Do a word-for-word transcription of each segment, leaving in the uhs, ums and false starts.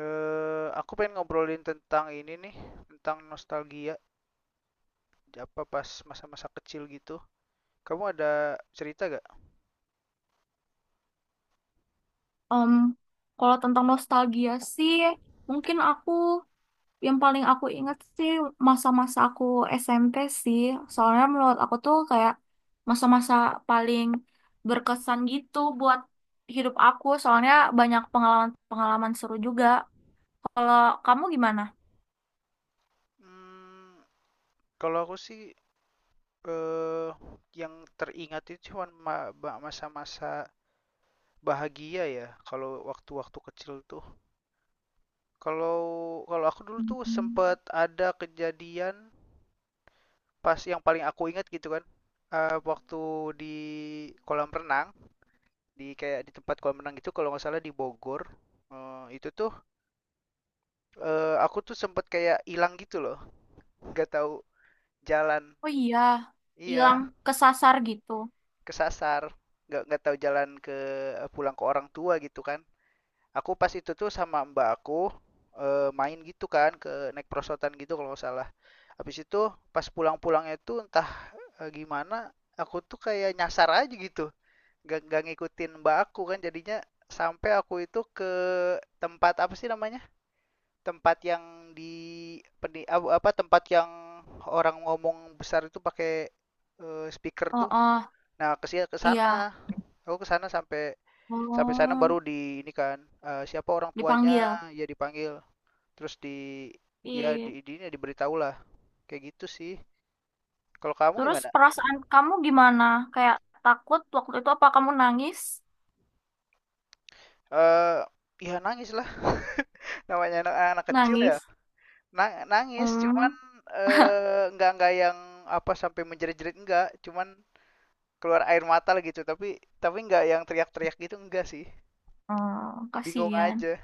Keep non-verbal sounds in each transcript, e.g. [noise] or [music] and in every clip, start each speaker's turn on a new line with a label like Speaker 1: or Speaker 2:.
Speaker 1: Eh, aku pengen ngobrolin tentang ini nih, tentang nostalgia, apa pas masa-masa kecil gitu. Kamu ada cerita gak?
Speaker 2: Em, Kalau tentang nostalgia sih, mungkin aku yang paling aku ingat sih masa-masa aku S M P sih. Soalnya menurut aku tuh kayak masa-masa paling berkesan gitu buat hidup aku. Soalnya banyak pengalaman-pengalaman seru juga. Kalau kamu gimana?
Speaker 1: Hmm, Kalau aku sih eh yang teringat itu cuma ma- ba- masa-masa bahagia ya, kalau waktu-waktu kecil tuh. Kalau kalau aku dulu tuh
Speaker 2: Mhm.
Speaker 1: sempet ada kejadian pas yang paling aku ingat gitu kan. Eh waktu di kolam renang. Di kayak di tempat kolam renang gitu kalau nggak salah di Bogor. Eh, itu tuh eh, aku tuh sempet kayak hilang gitu loh, nggak tahu jalan.
Speaker 2: Oh iya, hilang
Speaker 1: Iya,
Speaker 2: kesasar gitu.
Speaker 1: kesasar. Nggak nggak tahu jalan ke eh, pulang ke orang tua gitu kan. Aku pas itu tuh sama mbak aku eh, main gitu kan ke naik perosotan gitu kalau nggak salah. Habis itu pas pulang-pulangnya tuh entah eh, gimana aku tuh kayak nyasar aja gitu. Nggak nggak ngikutin mbak aku kan jadinya sampai aku itu ke tempat apa sih namanya? Tempat yang di peni- apa, tempat yang orang ngomong besar itu pakai eh, speaker
Speaker 2: Oh,
Speaker 1: tuh.
Speaker 2: oh
Speaker 1: Nah, ke si- ke sana.
Speaker 2: iya.
Speaker 1: Aku ke sana sampai sampai sana baru
Speaker 2: Oh,
Speaker 1: di ini kan, eh, siapa orang tuanya,
Speaker 2: dipanggil.
Speaker 1: ya dipanggil. Terus di, ya
Speaker 2: Ih.
Speaker 1: di di ini diberitahu lah. Kayak gitu sih. Kalau kamu
Speaker 2: Terus
Speaker 1: gimana?
Speaker 2: perasaan kamu gimana? Kayak takut waktu itu apa kamu nangis?
Speaker 1: Eh Ya nangis lah. [laughs] Namanya anak, anak kecil ya.
Speaker 2: Nangis.
Speaker 1: Na- nangis cuman
Speaker 2: Hmm,
Speaker 1: eh, nggak nggak yang apa sampai menjerit-jerit enggak, cuman keluar air mata gitu, tapi tapi nggak yang teriak-teriak gitu, enggak sih,
Speaker 2: hmm,
Speaker 1: bingung
Speaker 2: kasihan.
Speaker 1: aja.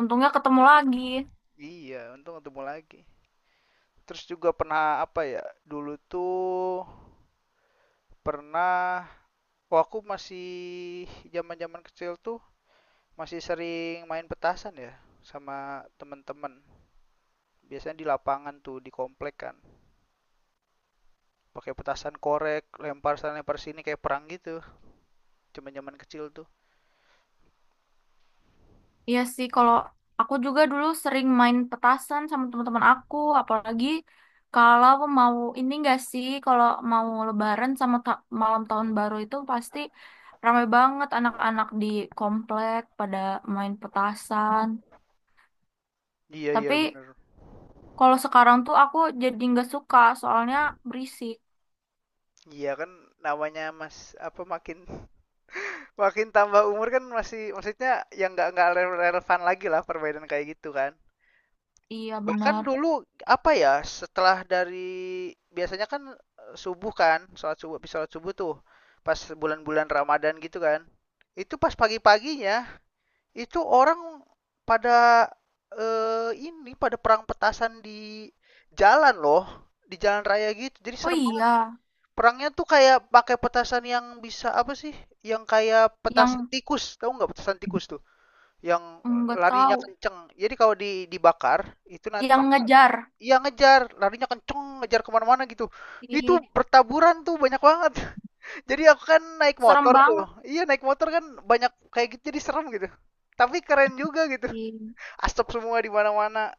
Speaker 2: Untungnya ketemu lagi.
Speaker 1: Iya, untung ketemu lagi. Terus juga pernah apa ya, dulu tuh pernah, oh aku masih zaman-zaman kecil tuh masih sering main petasan ya sama temen-temen, biasanya di lapangan tuh di komplek kan, pakai petasan korek, lempar sana lempar sini kayak perang gitu, zaman-zaman kecil tuh.
Speaker 2: Iya sih, kalau aku juga dulu sering main petasan sama teman-teman aku, apalagi kalau mau ini enggak sih, kalau mau lebaran sama ta- malam tahun baru itu pasti ramai banget anak-anak di komplek pada main petasan.
Speaker 1: Iya, iya
Speaker 2: Tapi
Speaker 1: bener.
Speaker 2: kalau sekarang tuh aku jadi nggak suka soalnya berisik.
Speaker 1: Iya kan, namanya mas apa makin Makin tambah umur kan masih, maksudnya yang nggak nggak rele- relevan lagi lah perbedaan kayak gitu kan.
Speaker 2: Iya
Speaker 1: Bahkan
Speaker 2: benar.
Speaker 1: dulu apa ya, setelah dari biasanya kan eh, subuh kan, sholat subuh, habis sholat subuh tuh pas bulan-bulan Ramadan gitu kan. Itu pas pagi-paginya, itu orang pada eh, ini, pada perang petasan di jalan loh, di jalan raya gitu jadi
Speaker 2: Oh
Speaker 1: serem.
Speaker 2: iya,
Speaker 1: Perangnya tuh kayak pakai petasan yang bisa apa sih? Yang kayak petasan
Speaker 2: yang
Speaker 1: tikus, tahu nggak petasan tikus tuh? Yang
Speaker 2: nggak
Speaker 1: larinya
Speaker 2: tahu,
Speaker 1: kenceng. Jadi kalau di, dibakar itu nanti,
Speaker 2: yang ngejar.
Speaker 1: iya ngejar, larinya kenceng, ngejar kemana-mana gitu. Itu
Speaker 2: Ih,
Speaker 1: bertaburan tuh banyak banget. [laughs] Jadi aku kan naik
Speaker 2: serem
Speaker 1: motor tuh.
Speaker 2: banget.
Speaker 1: Iya naik motor kan, banyak kayak gitu jadi serem gitu. Tapi keren juga gitu.
Speaker 2: Ih.
Speaker 1: Asap semua di mana-mana.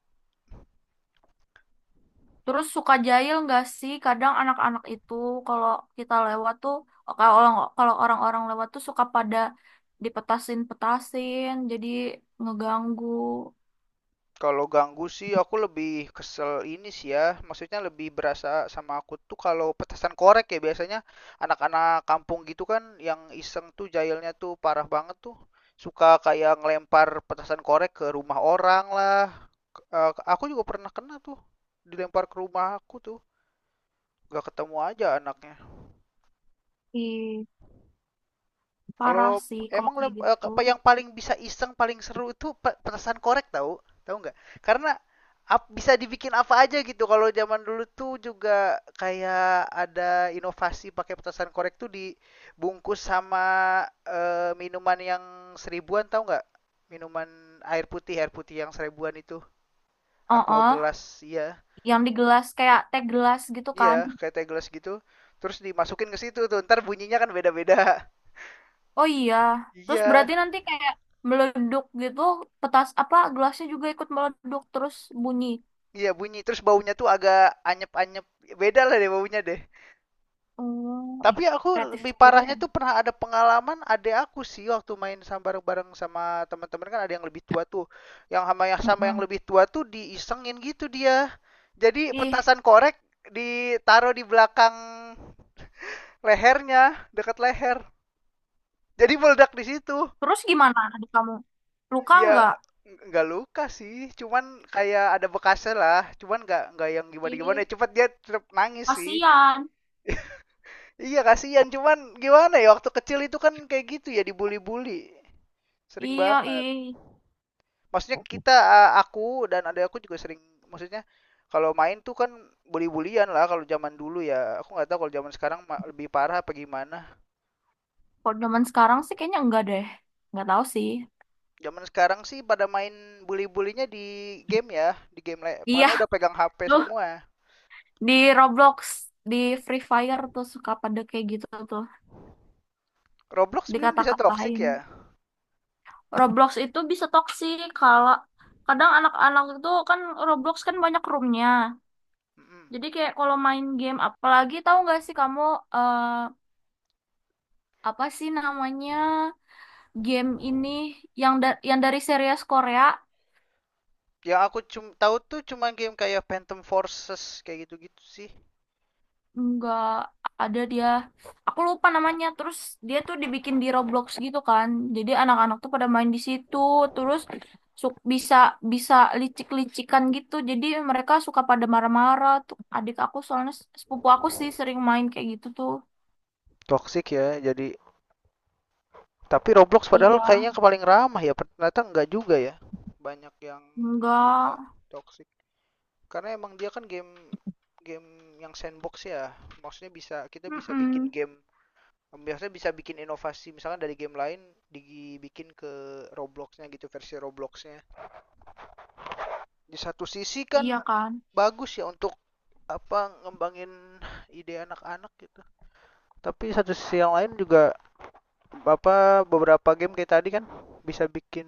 Speaker 2: Terus suka jahil nggak sih? Kadang anak-anak itu kalau kita lewat tuh, kalau kalau orang-orang lewat tuh suka pada dipetasin-petasin, jadi ngeganggu.
Speaker 1: Kalau ganggu sih aku lebih kesel ini sih ya, maksudnya lebih berasa sama aku tuh kalau petasan korek ya, biasanya anak-anak kampung gitu kan yang iseng tuh, jahilnya tuh parah banget tuh. Suka kayak ngelempar petasan korek ke rumah orang lah. K- eh, aku juga pernah kena tuh, dilempar ke rumah aku tuh, gak ketemu aja anaknya.
Speaker 2: Ih, parah
Speaker 1: Kalau
Speaker 2: sih kalau
Speaker 1: emang
Speaker 2: kayak
Speaker 1: lem- eh,
Speaker 2: gitu.
Speaker 1: apa yang paling bisa iseng, paling seru itu pe- petasan korek, tahu? Tahu nggak? Karena ap- bisa dibikin apa aja gitu. Kalau zaman dulu tuh juga kayak ada inovasi pakai petasan korek tuh dibungkus sama eh, minuman yang seribuan, tahu nggak? Minuman air putih, air putih yang seribuan itu. Aqua
Speaker 2: Oh,
Speaker 1: gelas, iya.
Speaker 2: yang di gelas kayak teh gelas gitu
Speaker 1: Iya,
Speaker 2: kan?
Speaker 1: kayak teh gelas gitu. Terus dimasukin ke situ tuh, ntar bunyinya kan beda-beda. [laughs]
Speaker 2: Oh iya, terus
Speaker 1: Iya.
Speaker 2: berarti nanti kayak meleduk gitu, petas apa gelasnya juga ikut meleduk terus bunyi.
Speaker 1: Iya bunyi, terus baunya tuh agak anyep-anyep, beda lah deh baunya deh.
Speaker 2: Oh, ih,
Speaker 1: Tapi aku
Speaker 2: kreatif
Speaker 1: lebih
Speaker 2: gitu ya.
Speaker 1: parahnya tuh pernah ada pengalaman adek aku sih, waktu main sama, bareng-bareng sama teman-teman kan ada yang lebih tua tuh. Yang sama yang sama yang
Speaker 2: Mm-mm.
Speaker 1: lebih tua tuh diisengin gitu dia. Jadi
Speaker 2: Ih,
Speaker 1: petasan korek ditaruh di belakang lehernya, dekat leher. Jadi meledak di situ.
Speaker 2: terus gimana adik kamu? Luka
Speaker 1: Ya
Speaker 2: nggak?
Speaker 1: nggak luka sih, cuman kayak ada bekasnya lah. Cuman nggak nggak yang
Speaker 2: Ih,
Speaker 1: gimana-gimana. Cepat dia tetap nangis sih.
Speaker 2: kasihan.
Speaker 1: Iya kasihan, cuman gimana ya, waktu kecil itu kan kayak gitu ya, dibully-bully. Sering
Speaker 2: Iya,
Speaker 1: banget.
Speaker 2: ih.
Speaker 1: Maksudnya kita, a- aku dan adik aku juga sering, maksudnya kalau main tuh kan bully-bullyan lah kalau zaman dulu ya. Aku nggak tahu kalau zaman sekarang ma- lebih parah apa gimana.
Speaker 2: Kalau zaman sekarang sih kayaknya enggak deh. Nggak tahu sih.
Speaker 1: Zaman sekarang sih pada main bully-bullynya di game ya, di game le-
Speaker 2: Iya,
Speaker 1: karena udah pegang H P
Speaker 2: tuh
Speaker 1: semua.
Speaker 2: di Roblox, di Free Fire tuh suka pada kayak gitu tuh,
Speaker 1: Roblox belum bisa toxic
Speaker 2: dikata-katain.
Speaker 1: ya.
Speaker 2: Roblox itu bisa toksik kalau kadang anak-anak itu kan Roblox kan banyak roomnya.
Speaker 1: Mm-mm.
Speaker 2: Jadi kayak kalau main game apalagi tahu nggak sih kamu eh, apa sih namanya game ini yang da- yang dari series Korea?
Speaker 1: Yang aku cum tahu tuh cuma game kayak Phantom Forces kayak gitu-gitu sih.
Speaker 2: Enggak ada dia. Aku lupa namanya. Terus dia tuh dibikin di Roblox gitu kan. Jadi anak-anak tuh pada main di situ. Terus su- bisa bisa licik-licikan gitu. Jadi mereka suka pada marah-marah. Tuh adik aku soalnya s- sepupu aku sih sering main kayak gitu tuh.
Speaker 1: Toxic ya, jadi tapi Roblox padahal
Speaker 2: Iya,
Speaker 1: kayaknya paling ramah ya, ternyata enggak juga ya. Banyak yang juga
Speaker 2: enggak.
Speaker 1: toxic. Karena emang dia kan game game yang sandbox ya. Maksudnya bisa, kita bisa bikin
Speaker 2: Mm-mm.
Speaker 1: game, biasanya bisa bikin inovasi misalnya dari game lain dibikin ke Robloxnya gitu, versi Robloxnya. Di satu sisi
Speaker 2: Iya
Speaker 1: kan
Speaker 2: kan.
Speaker 1: bagus ya untuk apa ngembangin ide anak-anak gitu. Tapi satu sisi yang lain juga, Bapak beberapa game kayak tadi kan bisa bikin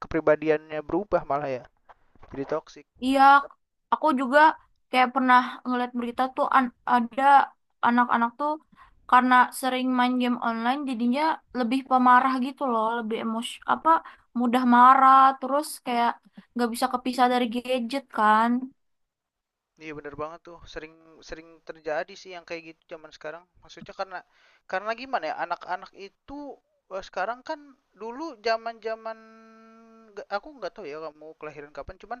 Speaker 1: kepribadiannya berubah malah ya. Jadi toksik.
Speaker 2: Iya, aku juga kayak pernah ngeliat berita tuh an- ada anak-anak tuh karena sering main game online jadinya lebih pemarah gitu loh, lebih emos apa mudah marah terus kayak nggak bisa kepisah dari gadget kan.
Speaker 1: Iya bener banget tuh, sering sering terjadi sih yang kayak gitu zaman sekarang. Maksudnya karena karena gimana ya, anak-anak itu eh, sekarang kan, dulu zaman-zaman nggak- aku nggak tahu ya kamu kelahiran kapan, cuman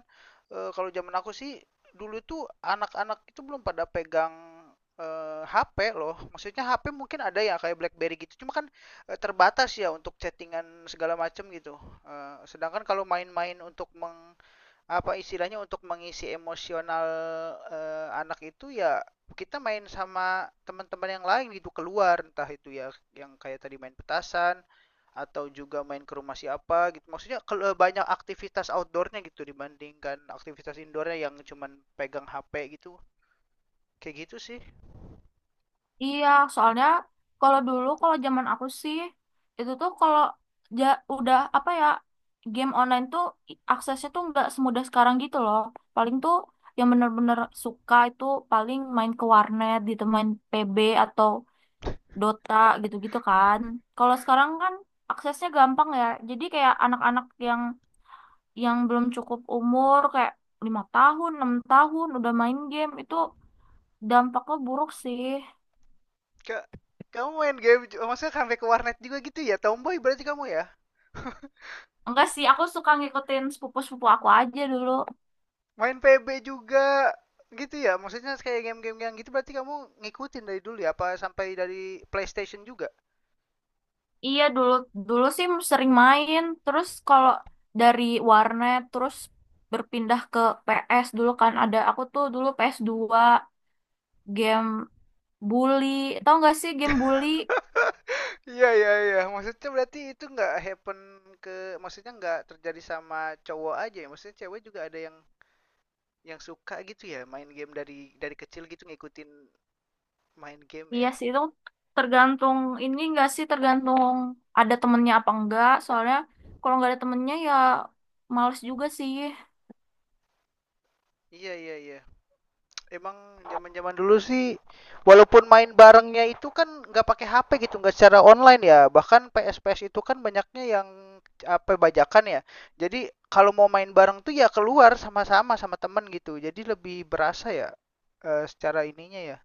Speaker 1: eh, kalau zaman aku sih, dulu tuh anak-anak itu belum pada pegang eh, H P loh. Maksudnya H P mungkin ada ya kayak BlackBerry gitu, cuma kan eh, terbatas ya untuk chattingan segala macem gitu. Eh, sedangkan kalau main-main untuk meng apa istilahnya, untuk mengisi emosional eh, anak itu ya, kita main sama teman-teman yang lain gitu, keluar, entah itu ya yang kayak tadi main petasan atau juga main ke rumah siapa gitu, maksudnya kalau banyak aktivitas outdoornya gitu dibandingkan aktivitas indoornya yang cuman pegang H P gitu, kayak gitu sih.
Speaker 2: Iya, soalnya kalau dulu kalau zaman aku sih itu tuh kalau ja- udah apa ya game online tuh i- aksesnya tuh nggak semudah sekarang gitu loh. Paling tuh yang bener-bener suka itu paling main ke warnet gitu, main P B atau Dota gitu-gitu kan. Kalau sekarang kan aksesnya gampang ya. Jadi kayak anak-anak yang yang belum cukup umur kayak lima tahun, enam tahun udah main game itu dampaknya buruk sih.
Speaker 1: Kak, kamu main game maksudnya sampai ke warnet juga gitu ya, tomboy berarti kamu ya.
Speaker 2: Enggak sih, aku suka ngikutin sepupu-sepupu aku aja dulu.
Speaker 1: Main P B juga gitu ya? Maksudnya kayak game-game yang gitu, berarti kamu ngikutin dari dulu ya? Apa sampai dari PlayStation juga?
Speaker 2: Iya, dulu dulu sih sering main. Terus kalau dari warnet terus berpindah ke P S dulu kan ada aku tuh dulu ps dua game bully. Tahu nggak sih game bully?
Speaker 1: [laughs] Iya iya iya. Maksudnya berarti itu nggak happen ke, maksudnya nggak terjadi sama cowok aja ya? Maksudnya cewek juga ada yang yang suka gitu ya main game dari dari kecil gitu, ngikutin main game
Speaker 2: Iya
Speaker 1: ya?
Speaker 2: sih itu tergantung ini nggak sih tergantung ada temennya apa enggak. Soalnya kalau nggak ada temennya ya males juga sih.
Speaker 1: Iya iya iya. Emang zaman zaman dulu sih walaupun main barengnya itu kan nggak pakai H P gitu, nggak secara online ya, bahkan P S P S itu kan banyaknya yang apa bajakan ya, jadi kalau mau main bareng tuh ya keluar sama-sama sama temen gitu, jadi lebih berasa ya eh, secara ininya ya,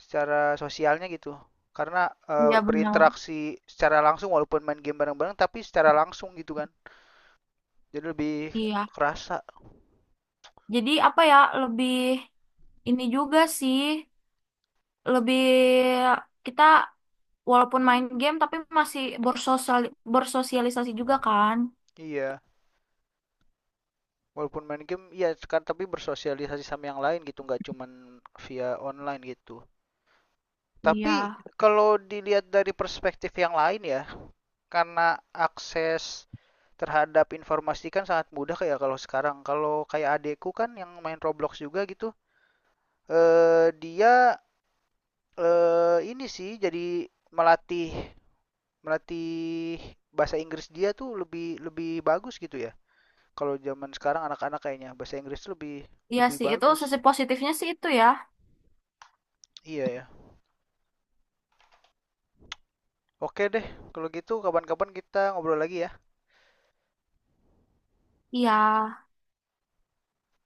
Speaker 1: secara sosialnya gitu, karena eh,
Speaker 2: Iya benar.
Speaker 1: berinteraksi secara langsung, walaupun main game bareng-bareng tapi secara langsung gitu kan, jadi lebih
Speaker 2: Iya.
Speaker 1: kerasa,
Speaker 2: Jadi apa ya lebih ini juga sih lebih kita walaupun main game tapi masih bersosial bersosialisasi juga kan.
Speaker 1: iya. Walaupun main game, ya kan, tapi bersosialisasi sama yang lain gitu, nggak cuman via online gitu.
Speaker 2: Iya,
Speaker 1: Tapi kalau dilihat dari perspektif yang lain ya, karena akses terhadap informasi kan sangat mudah kayak kalau sekarang. Kalau kayak adekku kan yang main Roblox juga gitu, eh dia eh ini sih, jadi melatih melatih bahasa Inggris dia tuh lebih lebih bagus gitu ya. Kalau zaman sekarang anak-anak kayaknya bahasa Inggris lebih
Speaker 2: iya
Speaker 1: lebih
Speaker 2: sih itu
Speaker 1: bagus.
Speaker 2: sisi positifnya sih itu ya.
Speaker 1: Iya, ya. Oke deh, kalau gitu kapan-kapan kita ngobrol lagi ya.
Speaker 2: Iya.